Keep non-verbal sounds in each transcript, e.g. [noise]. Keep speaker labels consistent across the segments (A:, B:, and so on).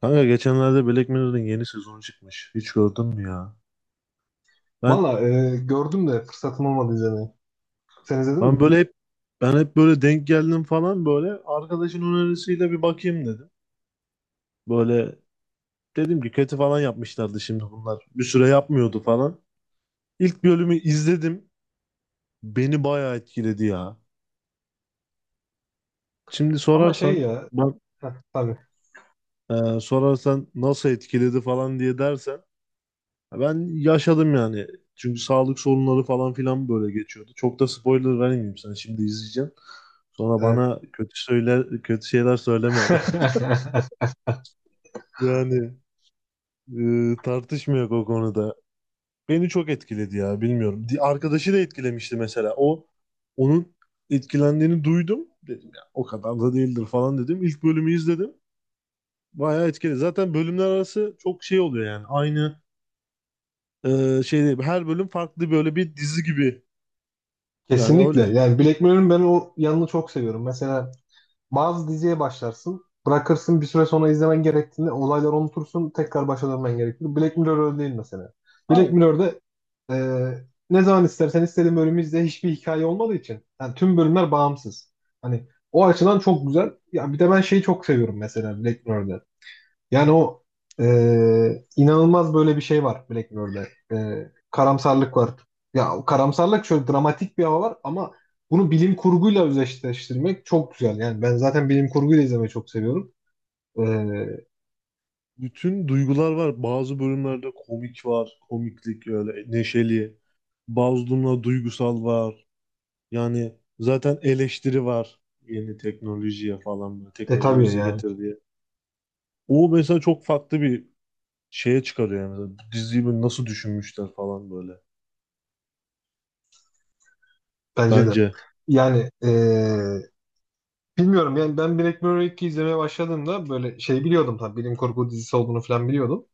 A: Kanka geçenlerde Black Mirror'ın yeni sezonu çıkmış. Hiç gördün mü ya? Ben
B: Valla gördüm de fırsatım olmadı izlemeye. Sen izledin
A: ben
B: mi?
A: böyle hep ben hep böyle denk geldim falan, böyle arkadaşın önerisiyle bir bakayım dedim. Böyle dedim ki kötü falan yapmışlardı şimdi bunlar. Bir süre yapmıyordu falan. İlk bölümü izledim. Beni bayağı etkiledi ya. Şimdi
B: Ama şey
A: sorarsan
B: ya.
A: bak
B: Heh, tabii.
A: e, Sorarsan nasıl etkiledi falan diye dersen, ben yaşadım yani. Çünkü sağlık sorunları falan filan böyle geçiyordu. Çok da spoiler vermeyeyim sana. Şimdi izleyeceğim. Sonra
B: Evet.
A: bana kötü söyler, kötü şeyler söyleme. [laughs]
B: [laughs]
A: Yani, tartışmıyor o konuda. Beni çok etkiledi ya, bilmiyorum. Arkadaşı da etkilemişti mesela. Onun etkilendiğini duydum. Dedim ya, o kadar da değildir falan dedim. İlk bölümü izledim. Bayağı etkili. Zaten bölümler arası çok şey oluyor yani. Aynı şey değil. Her bölüm farklı, böyle bir dizi gibi. Yani
B: Kesinlikle.
A: öyle.
B: Yani Black Mirror'ın ben o yanını çok seviyorum. Mesela bazı diziye başlarsın. Bırakırsın bir süre sonra izlemen gerektiğinde olayları unutursun. Tekrar başa dönmen gerekir. Black Mirror öyle değil mesela. Black Mirror'da e, ne zaman istersen istediğin bölümü izle. Hiçbir hikaye olmadığı için. Yani tüm bölümler bağımsız. Hani o açıdan çok güzel. Ya bir de ben şeyi çok seviyorum mesela Black Mirror'da. Yani o inanılmaz böyle bir şey var Black Mirror'da. Karamsarlık var. Ya o karamsarlık şöyle dramatik bir hava var ama bunu bilim kurguyla özdeşleştirmek çok güzel. Yani ben zaten bilim kurguyla izlemeyi çok seviyorum. E,
A: Bütün duygular var. Bazı bölümlerde komik var. Komiklik öyle neşeli. Bazı durumlarda duygusal var. Yani zaten eleştiri var. Yeni teknolojiye falan böyle. Teknolojinin
B: tabii
A: bize
B: yani
A: getirdiği. O mesela çok farklı bir şeye çıkarıyor yani. Mesela bu diziyi böyle nasıl düşünmüşler falan böyle.
B: bence de.
A: Bence.
B: Yani bilmiyorum yani ben Black Mirror 2 izlemeye başladığımda böyle şey biliyordum, tabii bilim kurgu dizisi olduğunu falan biliyordum.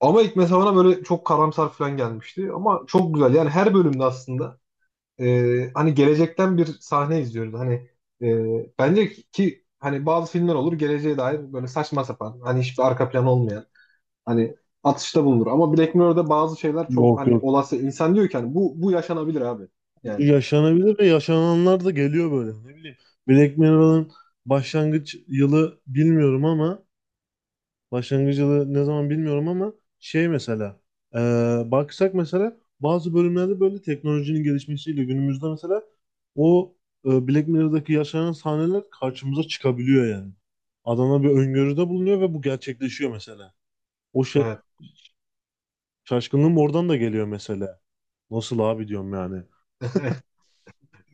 B: Ama ilk mesela bana böyle çok karamsar falan gelmişti. Ama çok güzel. Yani her bölümde aslında hani gelecekten bir sahne izliyoruz. Hani bence ki hani bazı filmler olur geleceğe dair böyle saçma sapan hani hiçbir arka planı olmayan hani atışta bulunur. Ama Black Mirror'da bazı şeyler çok
A: Yok
B: hani
A: yok.
B: olası, insan diyor ki hani bu yaşanabilir abi. Yani
A: Yaşanabilir ve yaşananlar da geliyor böyle. Ne bileyim. Black Mirror'ın başlangıç yılı bilmiyorum ama başlangıç yılı ne zaman bilmiyorum ama şey mesela e, baksak mesela bazı bölümlerde böyle teknolojinin gelişmesiyle günümüzde mesela o Black Mirror'daki yaşanan sahneler karşımıza çıkabiliyor yani. Adamlar bir öngörüde bulunuyor ve bu gerçekleşiyor mesela. O şa-
B: evet,
A: Şaşkınlığım oradan da geliyor mesela. Nasıl abi diyorum yani.
B: [laughs]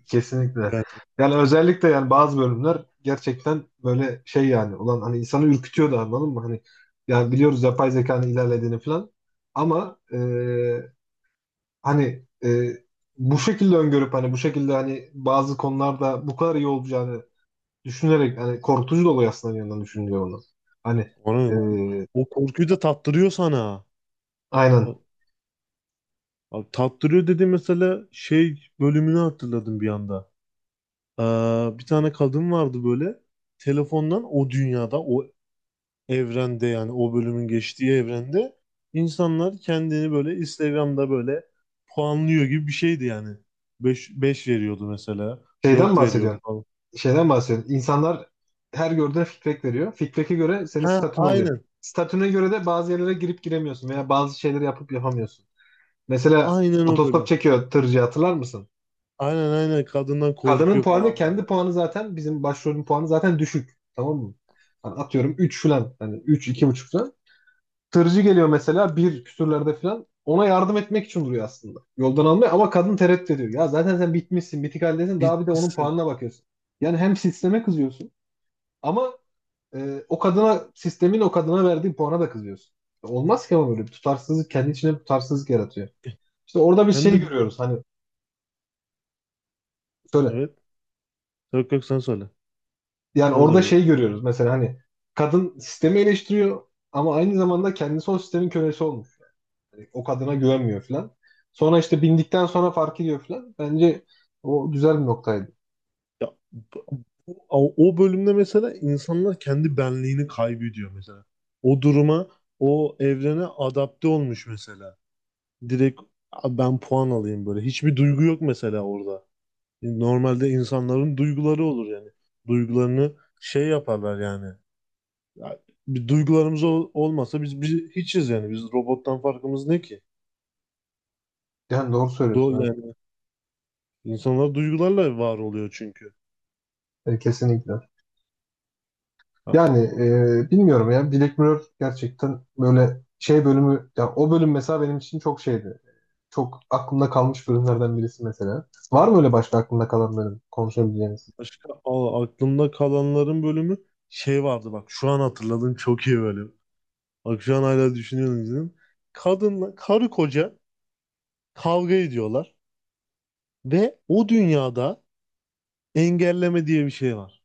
B: kesinlikle.
A: Yani
B: Yani özellikle yani bazı bölümler gerçekten böyle şey yani olan, hani insanı ürkütüyor da, anladın mı? Hani yani biliyoruz yapay zekanın ilerlediğini falan ama hani bu şekilde öngörüp hani bu şekilde hani bazı konularda bu kadar iyi olacağını düşünerek hani korkutucu da oluyor aslında bir yandan düşününce onu. Hani
A: ona,
B: e,
A: o korkuyu da tattırıyor sana.
B: aynen,
A: Abi, tattırıyor dedi mesela, şey bölümünü hatırladım bir anda. Ee, Bir tane kadın vardı böyle, telefondan, o dünyada, o evrende, yani o bölümün geçtiği evrende insanlar kendini böyle Instagram'da böyle puanlıyor gibi bir şeydi yani. 5 veriyordu mesela.
B: şeyden
A: Dört veriyordu
B: bahsediyorsun.
A: falan.
B: Şeyden bahsediyorsun. İnsanlar her gördüğüne feedback veriyor. Feedback'e göre senin
A: Ha,
B: statün oluyor.
A: aynen.
B: Statüne göre de bazı yerlere girip giremiyorsun veya bazı şeyleri yapıp yapamıyorsun. Mesela
A: Aynen o
B: otostop
A: bölüm.
B: çekiyor tırcı, hatırlar mısın?
A: Aynen aynen, kadından
B: Kadının
A: korkuyor
B: puanı,
A: falan
B: kendi
A: böyle.
B: puanı zaten, bizim başrolün puanı zaten düşük. Tamam mı? Hani atıyorum 3 falan. Hani üç, iki buçuk falan. Tırcı geliyor mesela bir küsürlerde falan. Ona yardım etmek için duruyor aslında. Yoldan almaya, ama kadın tereddüt ediyor. Ya zaten sen bitmişsin, bitik haldesin. Daha bir de onun
A: Bitmişsin.
B: puanına bakıyorsun. Yani hem sisteme kızıyorsun ama o kadına, sistemin o kadına verdiği puana da kızıyorsun. Olmaz ki ama, böyle bir tutarsızlık kendi içine bir tutarsızlık yaratıyor. İşte orada bir
A: Hem
B: şey
A: de bir de
B: görüyoruz. Hani şöyle,
A: evet. Yok yok, sen söyle.
B: yani
A: Sen
B: orada
A: söyle.
B: şey görüyoruz mesela, hani kadın sistemi eleştiriyor ama aynı zamanda kendisi o sistemin kölesi olmuş. Yani o kadına güvenmiyor falan. Sonra işte bindikten sonra fark ediyor falan. Bence o güzel bir noktaydı.
A: Ya, o bölümde mesela insanlar kendi benliğini kaybediyor mesela. O duruma, o evrene adapte olmuş mesela. Direkt, "A, ben puan alayım" böyle. Hiçbir duygu yok mesela orada. Normalde insanların duyguları olur yani. Duygularını şey yaparlar yani. Ya, bir duygularımız olmasa biz hiçiz yani. Biz, robottan farkımız ne ki?
B: Yani doğru
A: Do
B: söylüyorsun.
A: yani insanlar duygularla var oluyor çünkü.
B: Evet. Kesinlikle. Yani bilmiyorum ya, Black Mirror gerçekten böyle şey bölümü, ya o bölüm mesela benim için çok şeydi. Çok aklımda kalmış bölümlerden birisi mesela. Var mı öyle başka aklımda kalan bölüm konuşabileceğiniz?
A: Aklımda kalanların bölümü, şey vardı bak, şu an hatırladım, çok iyi bölüm. Bak şu an hala düşünüyorum, izledim. Kadınla, karı koca kavga ediyorlar ve o dünyada engelleme diye bir şey var.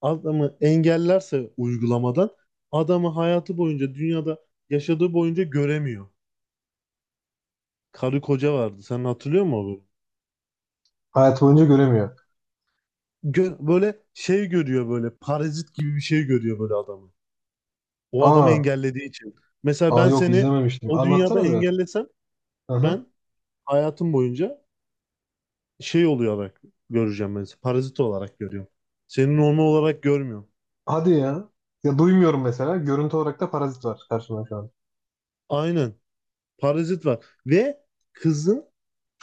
A: Adamı engellerse uygulamadan, adamı hayatı boyunca, dünyada yaşadığı boyunca göremiyor. Karı koca vardı. Sen hatırlıyor musun o bölümü?
B: Hayat boyunca göremiyor.
A: Böyle şey görüyor, böyle parazit gibi bir şey görüyor böyle adamı. O adamı
B: Aa,
A: engellediği için. Mesela
B: aa,
A: ben
B: yok,
A: seni
B: izlememiştim.
A: o dünyada
B: Anlatsana biraz.
A: engellesem,
B: Aha.
A: ben hayatım boyunca şey oluyor olarak göreceğim ben, seni. Parazit olarak görüyorum. Seni normal olarak görmüyorum.
B: Hadi ya. Ya duymuyorum mesela. Görüntü olarak da parazit var karşımda şu an.
A: Aynen. Parazit var. Ve kızın,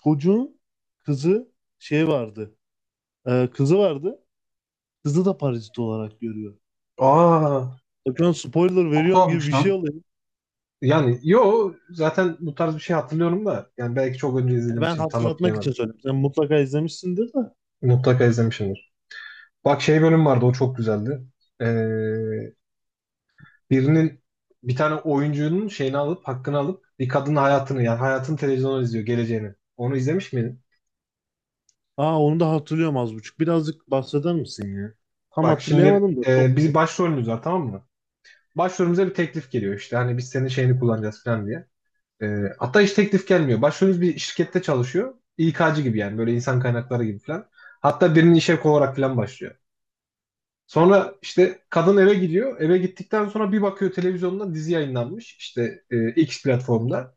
A: çocuğun kızı, şey vardı. Kızı vardı. Kızı da parazit olarak görüyor.
B: Aa.
A: Bak, şu an spoiler
B: Çok
A: veriyorum gibi
B: tuhafmış
A: bir şey
B: lan.
A: oluyor.
B: Yani yo, zaten bu tarz bir şey hatırlıyorum da, yani belki çok önce
A: Ya ben
B: izlemişim, tam
A: hatırlatmak
B: hatırlayamadım.
A: için söyledim. Sen mutlaka izlemişsindir de.
B: Mutlaka izlemişimdir. Bak, şey bölüm vardı, o çok güzeldi. Ee, Birinin, bir tane oyuncunun şeyini alıp, hakkını alıp bir kadının hayatını, yani hayatını televizyonda izliyor geleceğini. Onu izlemiş miydin?
A: Aa, onu da hatırlıyorum az buçuk. Birazcık bahseder misin ya? Tam
B: Bak şimdi
A: hatırlayamadım da, çok
B: biz başrolümüz var, tamam mı? Başrolümüze bir teklif geliyor, işte hani biz senin şeyini kullanacağız falan diye. Ee, hatta hiç teklif gelmiyor. Başvurumuz bir şirkette çalışıyor. İK'cı gibi, yani böyle insan kaynakları gibi falan. Hatta birinin işe olarak falan başlıyor. Sonra işte kadın eve gidiyor. Eve gittikten sonra bir bakıyor, televizyonda dizi yayınlanmış. İşte X platformda.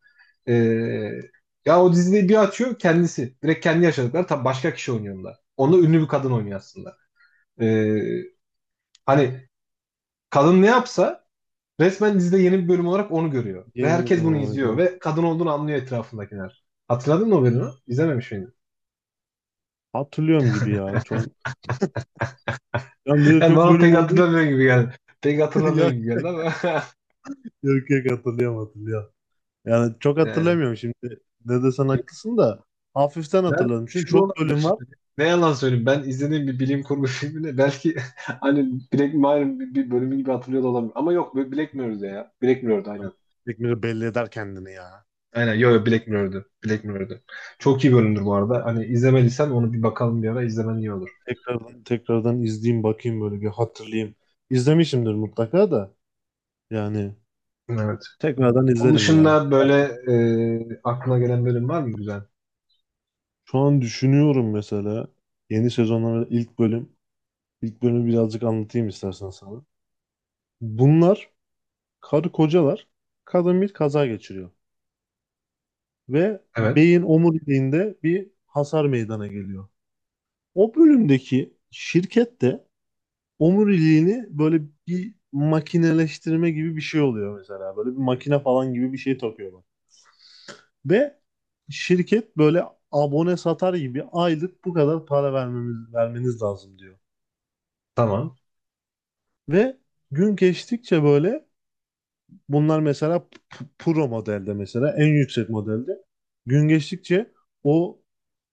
B: E, ya o diziyi bir açıyor kendisi. Direkt kendi yaşadıkları, tabii başka kişi oynuyor onda. Onu ünlü bir kadın oynuyor aslında. E, hani kadın ne yapsa resmen dizide yeni bir bölüm olarak onu görüyor. Ve
A: yeni
B: herkes bunu izliyor.
A: olaydı.
B: Ve kadın olduğunu anlıyor etrafındakiler. Hatırladın mı o bölümü? İzlememiş miydin?
A: Hatırlıyorum gibi ya. Yani
B: [laughs]
A: bir de
B: Yani
A: çok
B: bana
A: bölüm
B: pek
A: olduğu
B: hatırlamıyor gibi geldi. Pek
A: için [laughs]
B: hatırlamıyor
A: ya
B: gibi geldi ama. [laughs]
A: yok yok, hatırlıyorum hatırlıyorum. Yani çok
B: Yani,
A: hatırlamıyorum şimdi. Ne desen haklısın da, hafiften
B: ben
A: hatırladım. Çünkü
B: şu da
A: çok
B: olabilir
A: bölüm var.
B: şimdi. Ne yalan söyleyeyim, ben izlediğim bir bilim kurgu filmini belki [laughs] hani Black Mirror'ın bir bölümü gibi hatırlıyor da olabilir. Ama yok, Black Mirror'dı ya. Black Mirror'dı aynen.
A: Tekmiri belli eder kendini ya.
B: Aynen, yo yo, Black Mirror'dı. Black Mirror'dı. Çok iyi bölümdür bu arada. Hani izlemediysen onu, bir bakalım bir ara, izlemen iyi olur.
A: Tekrardan izleyeyim, bakayım böyle, bir hatırlayayım. İzlemişimdir mutlaka da, yani
B: Evet.
A: tekrardan
B: Onun
A: izlerim ya.
B: dışında böyle aklına gelen bölüm var mı güzel?
A: Şu an düşünüyorum mesela, yeni sezonların ilk bölüm. İlk bölümü birazcık anlatayım istersen sana. Bunlar karı kocalar. Kadın bir kaza geçiriyor. Ve
B: Evet.
A: beyin omuriliğinde bir hasar meydana geliyor. O bölümdeki şirket de omuriliğini böyle bir makineleştirme gibi bir şey oluyor mesela. Böyle bir makine falan gibi bir şey takıyorlar. Ve şirket böyle abone satar gibi, aylık bu kadar para vermemiz, vermeniz lazım diyor.
B: Tamam.
A: Ve gün geçtikçe böyle, bunlar mesela pro modelde, mesela en yüksek modelde gün geçtikçe o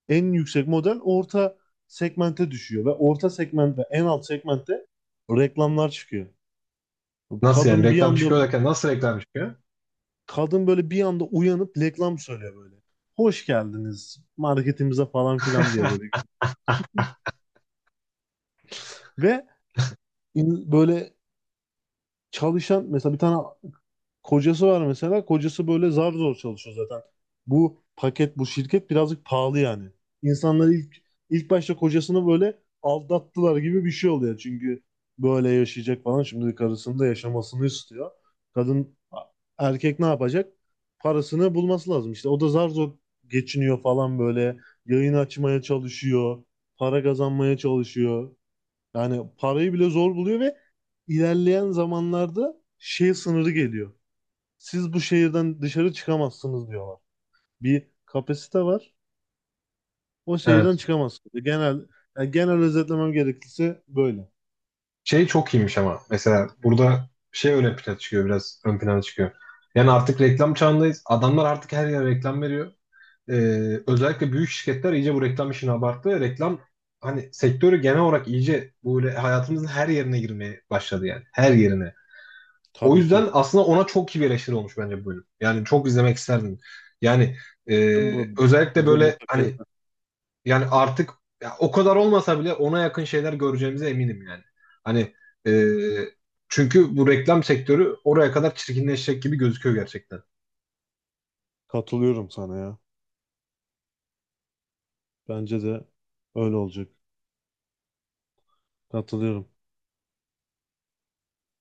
A: en yüksek model orta segmente düşüyor ve orta segment ve en alt segmentte reklamlar çıkıyor.
B: Nasıl yani
A: Kadın bir
B: reklam
A: anda,
B: çıkıyor derken, nasıl reklam çıkıyor?
A: kadın böyle bir anda uyanıp reklam söylüyor böyle. "Hoş geldiniz marketimize" falan filan diye böyle. Ve böyle çalışan mesela, bir tane kocası var mesela. Kocası böyle zar zor çalışıyor zaten. Bu paket, bu şirket birazcık pahalı yani. İnsanlar ilk başta kocasını böyle aldattılar gibi bir şey oluyor. Çünkü böyle yaşayacak falan. Şimdi karısının da yaşamasını istiyor. Kadın, erkek ne yapacak? Parasını bulması lazım. İşte o da zar zor geçiniyor falan böyle. Yayın açmaya çalışıyor. Para kazanmaya çalışıyor. Yani parayı bile zor buluyor ve ilerleyen zamanlarda şey sınırı geliyor, siz bu şehirden dışarı çıkamazsınız diyorlar. Bir kapasite var. O şehirden
B: Evet.
A: çıkamazsınız. Genel, yani genel özetlemem gerekirse böyle.
B: Şey çok iyiymiş ama. Mesela burada şey öne plana çıkıyor biraz. Ön plana çıkıyor. Yani artık reklam çağındayız. Adamlar artık her yere reklam veriyor. E, özellikle büyük şirketler iyice bu reklam işini abarttı. Reklam, hani sektörü genel olarak iyice böyle hayatımızın her yerine girmeye başladı yani. Her yerine. O
A: Tabii ki.
B: yüzden aslında ona çok iyi bir eleştiri olmuş bence bu bölüm. Yani çok izlemek isterdim. Yani
A: Bizim bu
B: özellikle
A: Bizde
B: böyle
A: mutlaka
B: hani,
A: izler.
B: yani artık, ya o kadar olmasa bile ona yakın şeyler göreceğimize eminim yani. Hani e, çünkü bu reklam sektörü oraya kadar çirkinleşecek gibi gözüküyor gerçekten.
A: Katılıyorum sana ya. Bence de öyle olacak. Katılıyorum.